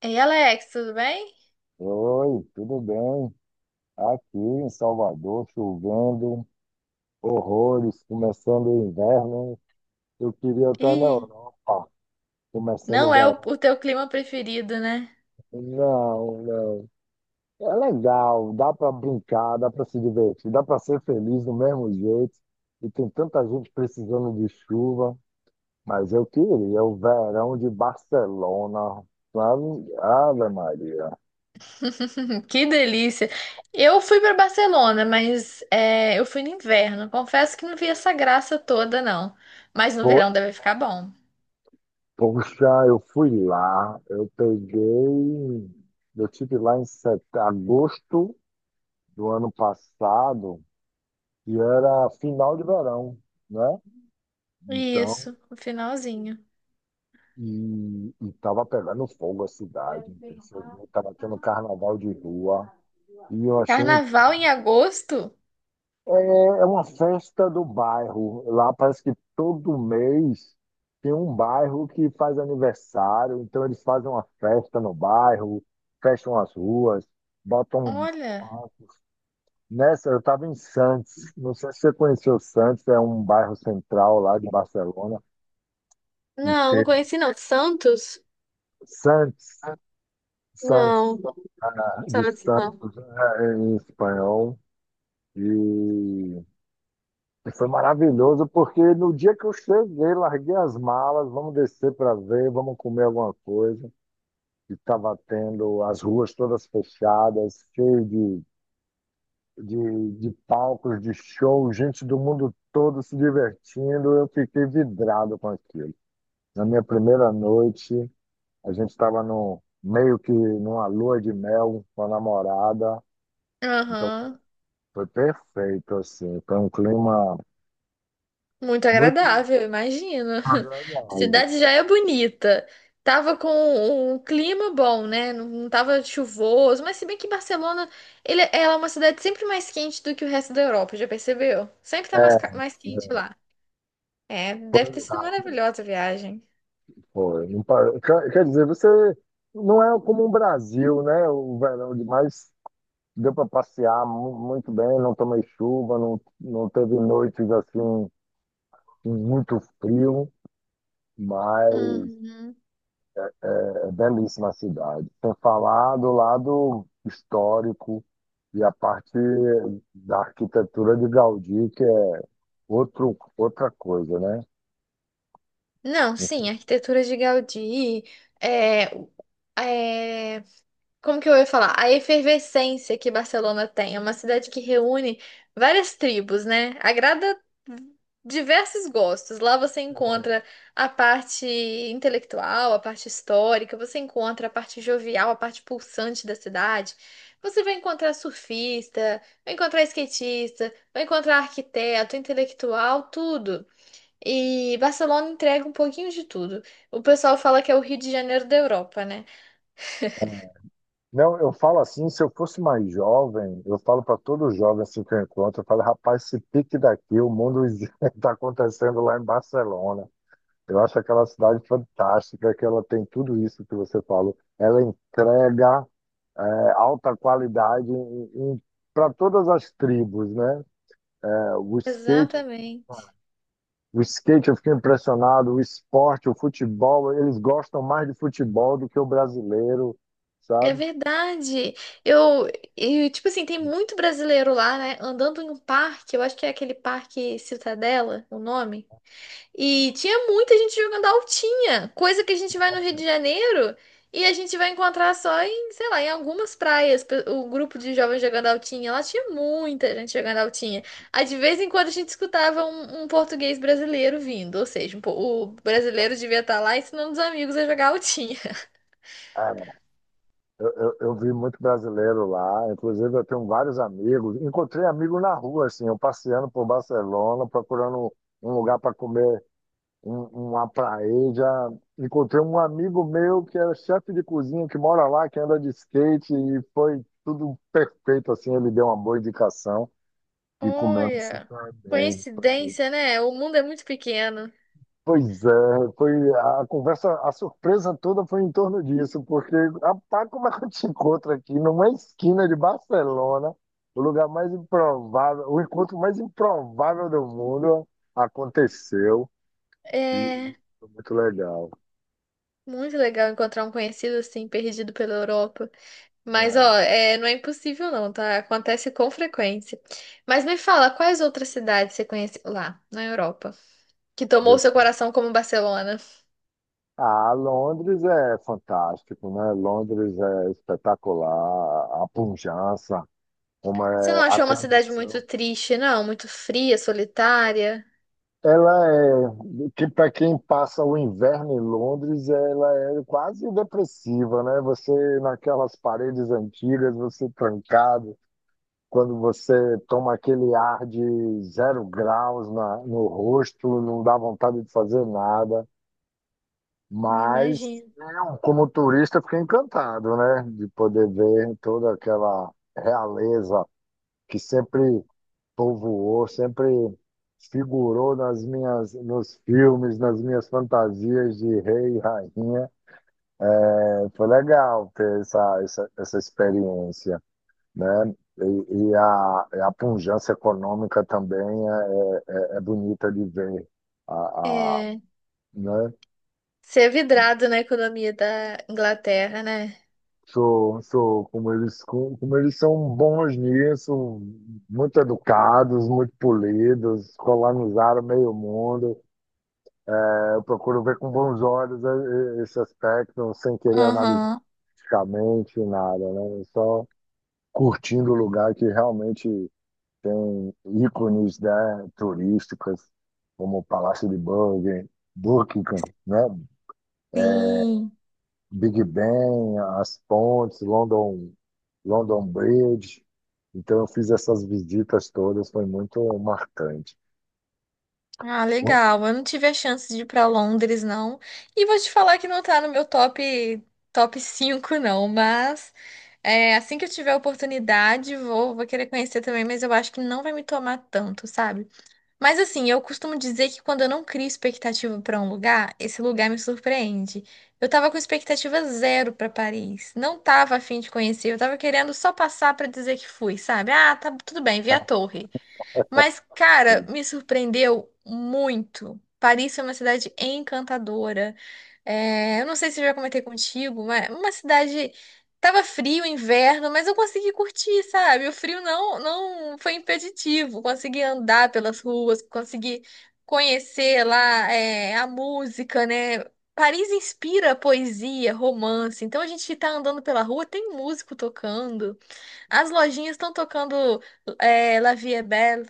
Ei, Alex, tudo bem? Oi, tudo bem? Aqui em Salvador, chovendo horrores, começando o inverno. Eu queria estar na Ih, Europa, começando o não é o, verão. o teu clima preferido, né? Não, não. É legal, dá para brincar, dá para se divertir, dá para ser feliz do mesmo jeito. E tem tanta gente precisando de chuva, mas eu queria o verão de Barcelona, sabe? Ave Maria. Que delícia! Eu fui para Barcelona, mas é, eu fui no inverno. Confesso que não vi essa graça toda, não. Mas no Foi? verão deve ficar bom. Poxa, eu fui lá, eu peguei, eu tive lá em agosto do ano passado, e era final de verão, né? Então, Isso, no finalzinho. e tava pegando fogo a cidade, estava tendo carnaval de rua, e eu achei. Carnaval em agosto? É, é uma festa do bairro. Lá parece que todo mês tem um bairro que faz aniversário, então eles fazem uma festa no bairro, fecham as ruas, botam Olha. palcos. Nessa, eu estava em Santos, não sei se você conheceu Santos, é um bairro central lá de Barcelona, e Não, não teve conheci não. Santos? Santos, Santos, Não, ah, de Santos não. Santos, é, é, em espanhol, e. E foi maravilhoso, porque no dia que eu cheguei, larguei as malas, vamos descer para ver, vamos comer alguma coisa. E estava tendo as ruas todas fechadas, cheio de palcos, de show, gente do mundo todo se divertindo. Eu fiquei vidrado com aquilo. Na minha primeira noite, a gente estava no, meio que numa lua de mel com a namorada. Então Aham. foi perfeito, assim. Foi um clima Muito muito agradável, eu imagino. agradável. Cidade já é bonita. Tava com um clima bom, né? Não não tava chuvoso, mas se bem que Barcelona, ela é uma cidade sempre mais quente do que o resto da Europa, já percebeu? Sempre É, tá mais, mais quente é. lá. É, Foi deve ter o sido gato, maravilhosa a viagem. foi. Não par- Quer dizer, você não é como o Brasil, né? O verão demais deu para passear mu- muito bem, não tomei chuva, não, não teve noites assim com muito frio, mas Uhum. é, é belíssima a cidade. Sem falar do lado histórico e a parte da arquitetura de Gaudí, que é outro, outra coisa, né? Não, sim, a arquitetura de Gaudí, é, o- é, como que eu ia falar? A efervescência que Barcelona tem, é uma cidade que reúne várias tribos, né? Agrada diversos gostos. Lá você encontra a parte intelectual, a parte histórica, você encontra a parte jovial, a parte pulsante da cidade. Você vai encontrar surfista, vai encontrar skatista, vai encontrar arquiteto, intelectual, tudo. E Barcelona entrega um pouquinho de tudo. O pessoal fala que é o Rio de Janeiro da Europa, né? Não, eu falo assim, se eu fosse mais jovem, eu falo para todo jovem assim que eu encontro, eu falo, rapaz, se pique daqui, o mundo está acontecendo lá em Barcelona. Eu acho aquela cidade fantástica, que ela tem tudo isso que você falou. Ela entrega é, alta qualidade para todas as tribos, né? É, Exatamente. o skate eu fiquei impressionado, o esporte, o futebol, eles gostam mais de futebol do que o brasileiro, É sabe? verdade. Eu, tipo assim, tem muito brasileiro lá, né? Andando em um parque, eu acho que é aquele parque Citadela, o nome. E tinha muita gente jogando altinha, coisa que a gente vai no Rio de Janeiro e a gente vai encontrar só em, sei lá, em algumas praias. O grupo de jovens jogando altinha, lá tinha muita gente jogando altinha. Aí de vez em quando a gente escutava um português brasileiro vindo, ou seja, o brasileiro devia estar lá ensinando os amigos a jogar altinha. É, eu vi muito brasileiro lá, inclusive eu tenho vários amigos. Encontrei amigo na rua, assim, eu passeando por Barcelona, procurando um lugar para comer uma paella. Encontrei um amigo meu que é chefe de cozinha, que mora lá, que anda de skate, e foi tudo perfeito, assim, ele deu uma boa indicação e comemos Olha, super bem. Foi. coincidência, né? O mundo é muito pequeno. Pois é, foi a conversa, a surpresa toda foi em torno disso, porque rapaz, como é que eu te encontro aqui numa esquina de Barcelona, o lugar mais improvável, o encontro mais improvável do mundo aconteceu e É e foi muito legal. muito legal encontrar um conhecido assim, perdido pela Europa. Mas, É, ó, é, não é impossível não, tá? Acontece com frequência. Mas me fala, quais outras cidades você conhece lá, na Europa, que tomou eu seu fui- coração como Barcelona? Ah, Londres é fantástico, né? Londres é espetacular, a pujança, como Você não é a achou uma cidade muito tradição. triste, não? Muito fria, solitária? Ela é, que para quem passa o inverno em Londres, ela é quase depressiva, né? Você naquelas paredes antigas, você trancado, quando você toma aquele ar de zero graus na, no rosto, não dá vontade de fazer nada. Me Mas imagino. eu, como turista, fiquei encantado, né? De poder ver toda aquela realeza que sempre povoou, sempre figurou nas minhas, nos filmes, nas minhas fantasias de rei e rainha. É, foi legal ter essa, essa, essa experiência, né? E a pujança econômica também é, é bonita de ver. A, É, né? ser vidrado na economia da Inglaterra, né? Sou, sou, como eles, como eles são bons nisso, muito educados, muito polidos, colonizaram meio mundo. Eu procuro ver com bons olhos esse aspecto, sem querer analisar Aham, politicamente nada, né? É. Só curtindo o lugar que realmente tem ícones, né, turísticas, como o Palácio de Buckingham, Buckingham, né? sim. Big Ben, as pontes, London, London Bridge. Então, eu fiz essas visitas todas, foi muito marcante. Ah, legal. Eu não tive a chance de ir para Londres, não. E vou te falar que não tá no meu top 5, não. Mas é, assim que eu tiver a oportunidade, vou querer conhecer também. Mas eu acho que não vai me tomar tanto, sabe? Mas assim, eu costumo dizer que quando eu não crio expectativa para um lugar, esse lugar me surpreende. Eu tava com expectativa zero para Paris. Não tava a fim de conhecer. Eu tava querendo só passar para dizer que fui, sabe? Ah, tá tudo bem, vi a torre. Mas, É, cara, me surpreendeu muito. Paris é uma cidade encantadora. É, eu não sei se eu já comentei contigo, mas uma cidade. Tava frio, inverno, mas eu consegui curtir, sabe? O frio não foi impeditivo. Consegui andar pelas ruas, consegui conhecer lá, é, a música, né? Paris inspira poesia, romance. Então a gente tá andando pela rua, tem músico tocando, as lojinhas estão tocando é, La Vie est Belle.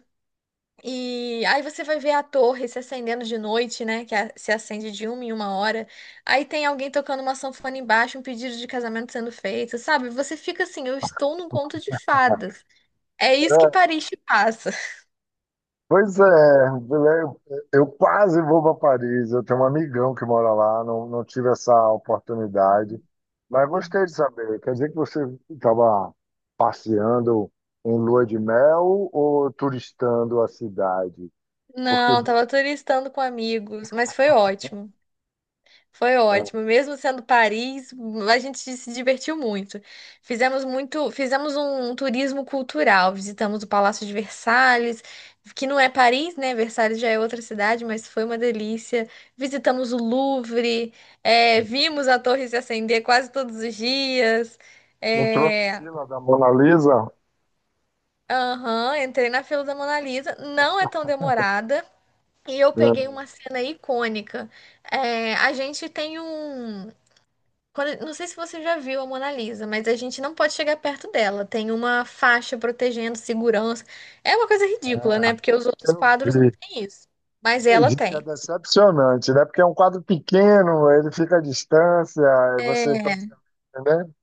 E aí você vai ver a torre se acendendo de noite, né? Que se acende de uma em uma hora. Aí tem alguém tocando uma sanfona embaixo, um pedido de casamento sendo feito, sabe? Você fica assim, eu estou num conto de fadas. É isso que Paris te passa. pois é, eu, eu quase vou para Paris. Eu tenho um amigão que mora lá, não, não tive essa oportunidade. Mas gostei de saber. Quer dizer que você estava passeando em lua de mel ou turistando a cidade? Porque Não, tava turistando com amigos, mas foi ótimo. Foi é, ótimo, mesmo sendo Paris, a gente se divertiu muito. Fizemos muito, fizemos um turismo cultural, visitamos o Palácio de Versalhes, que não é Paris, né? Versalhes já é outra cidade, mas foi uma delícia. Visitamos o Louvre, é, vimos a torre se acender quase todos os dias. entrou na É, fila da Mona Lisa, aham, entrei na fila da Mona Lisa, não é tão demorada. E eu peguei uma cena icônica. É, a gente tem um. Não sei se você já viu a Mona Lisa, mas a gente não pode chegar perto dela. Tem uma faixa protegendo segurança. É uma coisa ridícula, é, né? Porque os outros eu quadros não vi. têm isso. Mas ela Diz que é tem. decepcionante, né? Porque é um quadro pequeno, ele fica à distância, e você É, praticamente,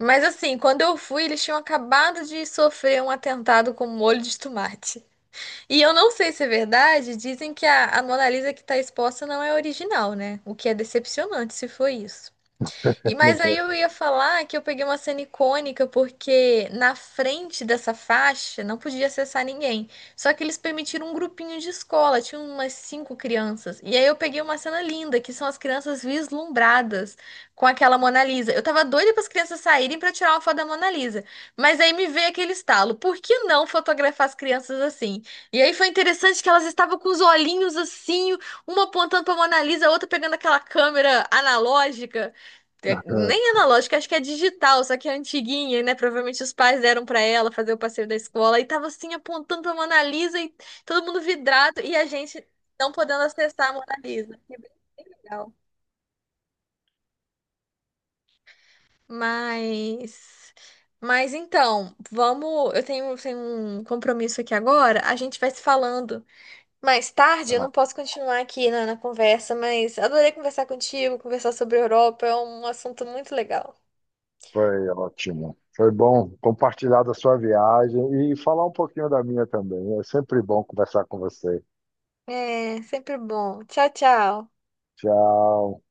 mas assim, quando eu fui, eles tinham acabado de sofrer um atentado com um molho de tomate. E eu não sei se é verdade, dizem que a Mona Lisa que está exposta não é original, né? O que é decepcionante se foi isso. E mas aí né? eu ia falar que eu peguei uma cena icônica porque na frente dessa faixa não podia acessar ninguém. Só que eles permitiram um grupinho de escola, tinha umas cinco crianças. E aí eu peguei uma cena linda, que são as crianças vislumbradas com aquela Mona Lisa. Eu tava doida para as crianças saírem para tirar uma foto da Mona Lisa, mas aí me veio aquele estalo, por que não fotografar as crianças assim? E aí foi interessante que elas estavam com os olhinhos assim, uma apontando para Mona Lisa, a outra pegando aquela câmera analógica. Nem analógica, acho que é digital, só que é antiguinha, né? Provavelmente os pais deram pra ela fazer o passeio da escola e tava assim apontando pra Mona Lisa e todo mundo vidrado e a gente não podendo acessar a Mona Lisa. Que bem bem legal. Mas, mas, então, vamos. Eu tenho um compromisso aqui agora. A gente vai se falando mais tarde. Eu não posso continuar aqui na conversa, mas adorei conversar contigo, conversar sobre a Europa. É um assunto muito legal. Foi ótimo. Foi bom compartilhar da sua viagem e falar um pouquinho da minha também. É sempre bom conversar com você. É, sempre bom. Tchau, tchau. Tchau.